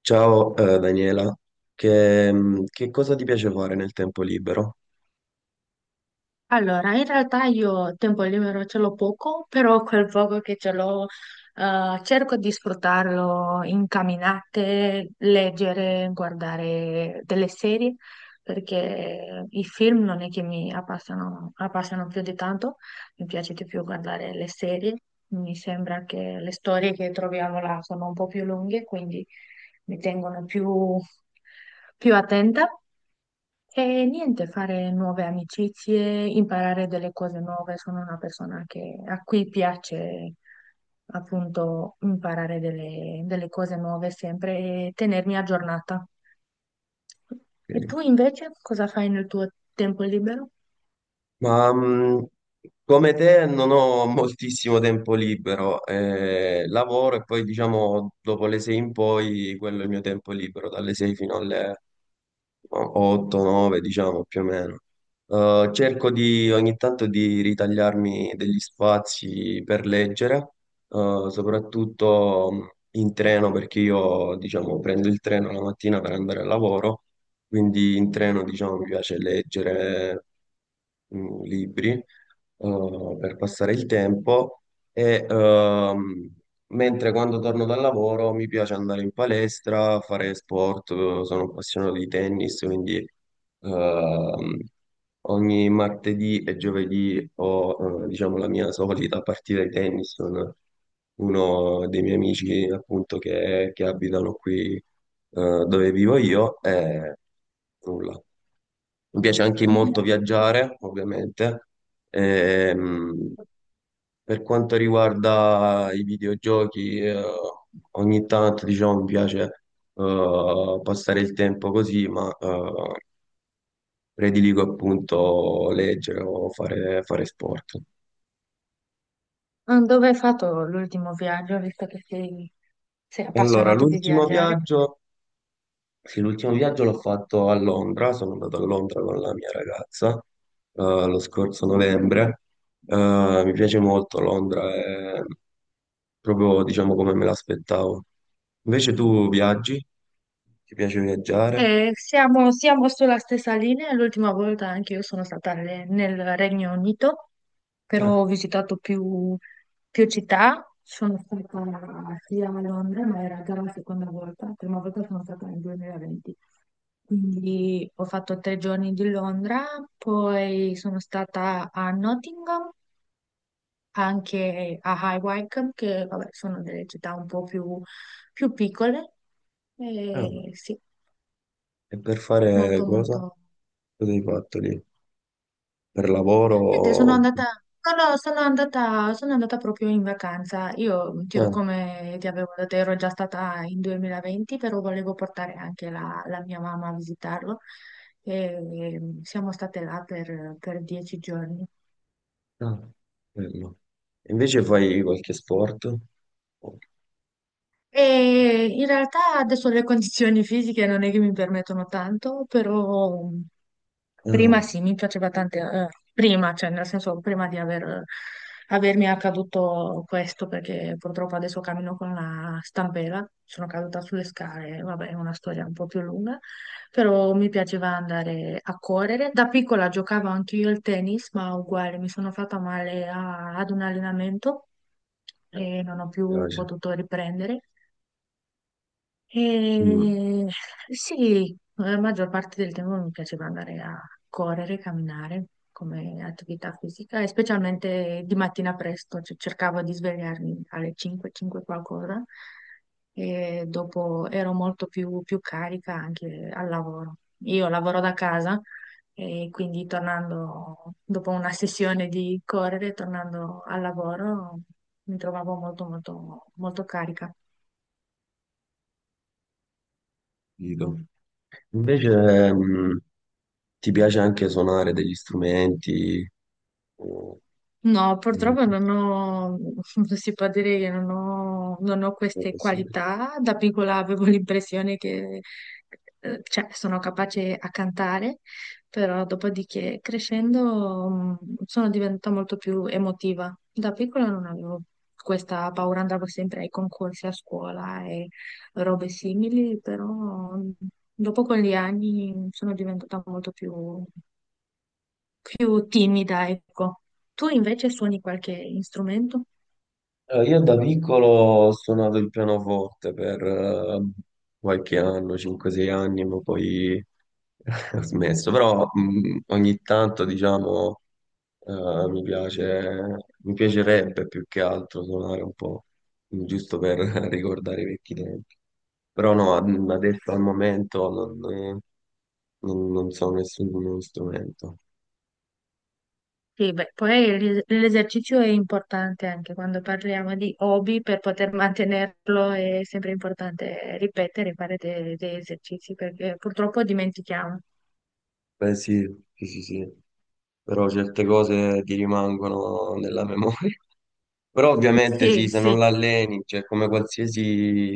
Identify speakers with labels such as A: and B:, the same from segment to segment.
A: Ciao, Daniela, che cosa ti piace fare nel tempo libero?
B: Allora, in realtà io tempo libero ce l'ho poco, però quel poco che ce l'ho, cerco di sfruttarlo in camminate, leggere, guardare delle serie, perché i film non è che mi appassionano, più di tanto. Mi piace di più guardare le serie, mi sembra che le storie che troviamo là sono un po' più lunghe, quindi mi tengono più attenta. E niente, fare nuove amicizie, imparare delle cose nuove. Sono una persona a cui piace appunto imparare delle cose nuove sempre e tenermi aggiornata. E
A: Ok.
B: tu invece cosa fai nel tuo tempo libero?
A: Ma come te non ho moltissimo tempo libero, lavoro e poi diciamo dopo le 6 in poi quello è il mio tempo libero, dalle 6 fino alle 8, 9, diciamo più o meno. Cerco di ogni tanto di ritagliarmi degli spazi per leggere, soprattutto in treno, perché io, diciamo, prendo il treno la mattina per andare al lavoro, quindi in treno, diciamo, mi piace leggere libri per passare il tempo e ehm, Mentre quando torno dal lavoro mi piace andare in palestra, fare sport, sono appassionato di tennis, quindi ehm, ogni martedì e giovedì ho, diciamo, la mia solita partita di tennis con uno dei miei amici appunto che abitano qui dove vivo io e nulla. Mi piace anche
B: Beh,
A: molto viaggiare, ovviamente. Ehm, per quanto riguarda i videogiochi, ogni tanto diciamo, mi piace passare il tempo così, ma prediligo appunto leggere o fare sport.
B: ah, dove hai fatto l'ultimo viaggio, visto che sei
A: Allora,
B: appassionato di
A: l'ultimo
B: viaggiare?
A: viaggio Sì, l'ultimo viaggio l'ho fatto a Londra, sono andato a Londra con la mia ragazza eh, lo scorso novembre. Mi piace molto Londra, è proprio diciamo come me l'aspettavo. Invece tu viaggi? Ti piace viaggiare?
B: Siamo sulla stessa linea, l'ultima volta anche io sono stata nel Regno Unito, però
A: Ah,
B: ho visitato più città, sono stata sia a Londra, ma era già la seconda volta, la prima volta sono stata nel 2020, quindi ho fatto 3 giorni di Londra, poi sono stata a Nottingham, anche a High Wycombe, che vabbè, sono delle città un po' più piccole,
A: ah,
B: e sì,
A: e per fare
B: molto
A: cosa?
B: molto.
A: Cosa hai fatto lì? Per lavoro?
B: Niente, sono andata, no, no, sono andata, proprio in vacanza. Io,
A: Ah,
B: come ti avevo detto, ero già stata in 2020, però volevo portare anche la mia mamma a visitarlo. E siamo state là per 10 giorni.
A: ah, bello. E invece fai qualche sport? Oh,
B: E in realtà adesso le condizioni fisiche non è che mi permettono tanto, però
A: ah,
B: prima
A: mi
B: sì, mi piaceva tante, prima, cioè nel senso prima di avermi accaduto questo, perché purtroppo adesso cammino con la stampella, sono caduta sulle scale, vabbè, è una storia un po' più lunga, però mi piaceva andare a correre. Da piccola giocavo anche io al tennis, ma uguale, mi sono fatta male ad un allenamento e non ho più
A: piace.
B: potuto riprendere.
A: Mm.
B: E sì, la maggior parte del tempo mi piaceva andare a correre, camminare come attività fisica e specialmente di mattina presto, cioè cercavo di svegliarmi alle 5, 5 qualcosa e dopo ero molto più carica anche al lavoro. Io lavoro da casa e quindi tornando dopo una sessione di correre, tornando al lavoro, mi trovavo molto, molto, molto carica.
A: Capito. Invece, mh, ti piace anche suonare degli strumenti? o-
B: No, purtroppo non ho, si può dire che non ho
A: o
B: queste
A: possibile?
B: qualità. Da piccola avevo l'impressione che, cioè, sono capace a cantare, però dopodiché crescendo sono diventata molto più emotiva. Da piccola non avevo questa paura, andavo sempre ai concorsi a scuola e robe simili, però dopo con gli anni sono diventata molto più timida, ecco. Tu invece suoni qualche strumento?
A: Io da piccolo ho suonato il pianoforte per qualche anno, 5-6 anni, ma poi ho smesso. Però ogni tanto, diciamo, eh, mi piace, mi piacerebbe più che altro suonare un po', giusto per ricordare i vecchi tempi. Però no, adesso al momento non so nessun nuovo strumento.
B: Sì, beh, poi l'esercizio è importante anche quando parliamo di hobby, per poter mantenerlo è sempre importante ripetere, fare degli esercizi perché purtroppo dimentichiamo.
A: Beh, sì, sì, sì, sì, però certe cose ti rimangono nella memoria. Però ovviamente
B: Sì,
A: sì, se non
B: sì.
A: l'alleni, cioè come qualsiasi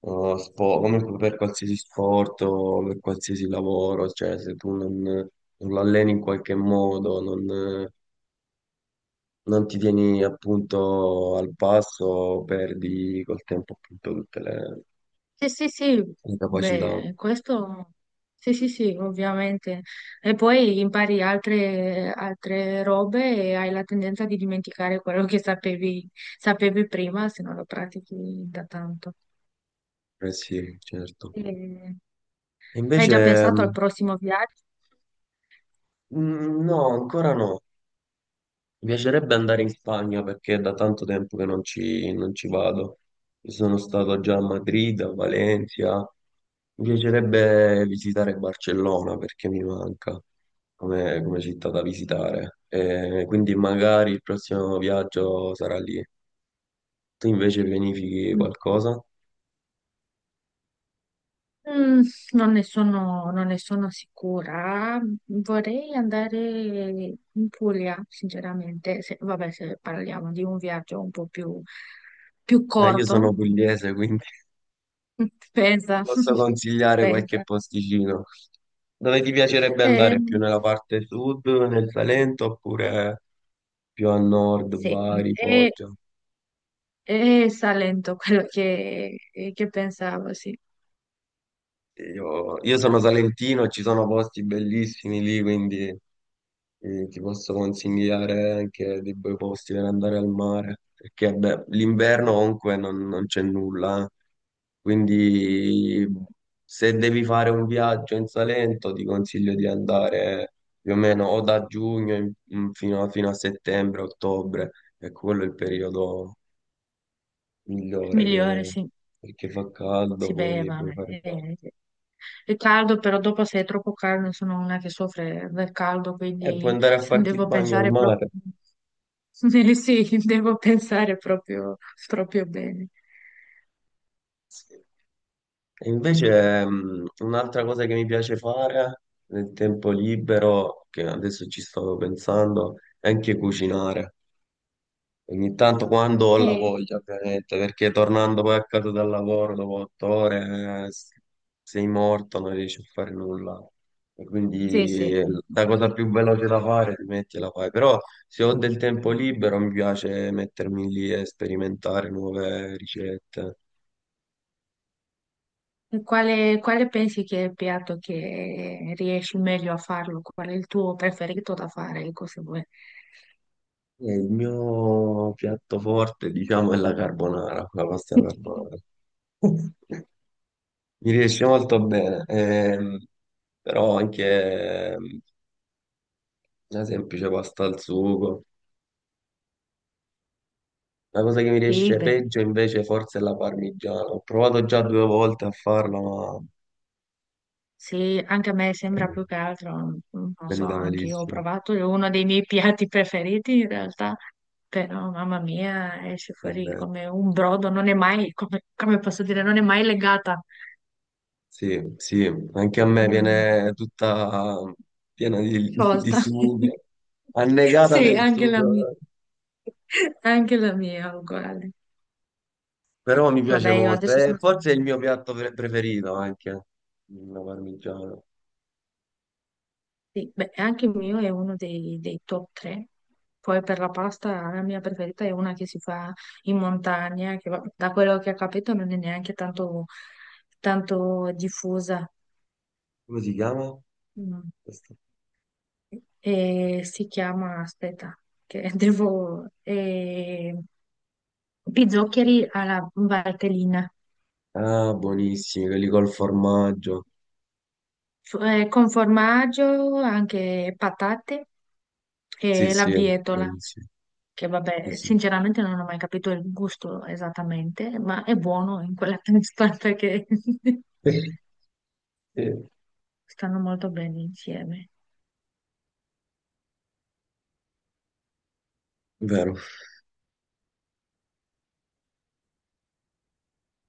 A: come per qualsiasi sport o per qualsiasi lavoro, cioè se tu non l'alleni in qualche modo, non ti tieni appunto al passo, perdi col tempo appunto tutte
B: Sì, sì, sì,
A: le capacità.
B: beh, questo sì, sì, sì, ovviamente. E poi impari altre robe e hai la tendenza di dimenticare quello che sapevi, prima se non lo pratichi da tanto.
A: Eh sì, certo.
B: E
A: E
B: hai già
A: invece,
B: pensato al prossimo viaggio?
A: mm, no, ancora no. Mi piacerebbe andare in Spagna perché è da tanto tempo che non ci vado. Io sono stato già a Madrid, a Valencia. Mi piacerebbe visitare Barcellona perché mi manca come città da visitare. Quindi magari il prossimo viaggio sarà lì. Tu invece pianifichi
B: Mm.
A: qualcosa?
B: Mm, non ne sono sicura. Vorrei andare in Puglia, sinceramente. Se, vabbè, se parliamo di un viaggio un po' più
A: Io
B: corto,
A: sono pugliese, quindi
B: pensa,
A: ti posso consigliare qualche
B: pensa.
A: posticino. Dove ti piacerebbe andare? Più
B: Ehm,
A: nella parte sud, nel Salento, oppure più a nord,
B: sì,
A: Bari,
B: è,
A: Foggia?
B: è Salento quello che pensavo, sì.
A: Io sono salentino, ci sono posti bellissimi lì, quindi ti posso consigliare anche dei bei posti per andare al mare, perché beh, l'inverno comunque non c'è nulla, eh. Quindi se devi fare un viaggio in Salento ti consiglio di andare più o meno o da giugno fino a settembre, ottobre, e quello è il periodo migliore
B: Migliore, sì.
A: perché fa caldo,
B: Si beve,
A: puoi
B: vabbè.
A: fare il bagno.
B: Sì. È caldo, però dopo se è troppo caldo sono una che soffre del caldo,
A: E puoi
B: quindi
A: andare a farti il
B: devo
A: bagno al
B: pensare proprio.
A: mare.
B: Sì, devo pensare proprio, proprio bene.
A: Sì. E invece un'altra cosa che mi piace fare nel tempo libero, che adesso ci stavo pensando, è anche cucinare. Ogni tanto quando ho la
B: Eh,
A: voglia, ovviamente, perché tornando poi a casa dal lavoro dopo 8 ore sei morto, non riesci a fare nulla. E
B: sì,
A: quindi
B: sì.
A: la cosa più veloce da fare, ti metti e la fai. Però se ho del tempo libero mi piace mettermi lì e sperimentare nuove ricette.
B: E quale pensi che è il piatto che riesci meglio a farlo? Qual è il tuo preferito da fare? Ecco, se vuoi.
A: E il mio piatto forte, diciamo, è la carbonara, la pasta alla carbonara. Mi riesce molto bene, però anche una semplice pasta al sugo. La cosa che mi
B: Sì,
A: riesce
B: beh,
A: peggio invece forse è la parmigiana. Ho provato già 2 volte a farla, ma
B: sì, anche a me
A: è
B: sembra più che altro, non so,
A: venuta
B: anche io ho
A: malissimo.
B: provato, è uno dei miei piatti preferiti in realtà, però mamma mia, esce fuori
A: Davvero.
B: come un brodo, non è mai, come, come posso dire, non è mai legata,
A: Sì, sì, anche a me
B: non è
A: viene tutta piena di
B: sciolta.
A: sugo, annegata
B: Sì,
A: nel
B: anche la
A: sugo.
B: mia, anche la mia è uguale.
A: Però mi
B: Vabbè,
A: piace
B: io
A: molto.
B: adesso
A: E
B: sono.
A: forse è il mio piatto preferito anche, la parmigiana.
B: Sì, beh, anche il mio è uno dei top 3. Poi per la pasta la mia preferita è una che si fa in montagna, che da quello che ho capito non è neanche tanto diffusa.
A: Come si chiama?
B: Mm.
A: Questo?
B: E si chiama, aspetta, che Pizzoccheri
A: Ecco.
B: alla Valtellina.
A: Ah, buonissimi, quelli col formaggio.
B: Con formaggio, anche patate
A: Sì,
B: e la
A: sì,
B: bietola,
A: buonissimi.
B: che
A: Sì,
B: vabbè,
A: sì,
B: sinceramente non ho mai capito il gusto esattamente, ma è buono in quella testa perché
A: sì,
B: stanno molto bene insieme.
A: vero.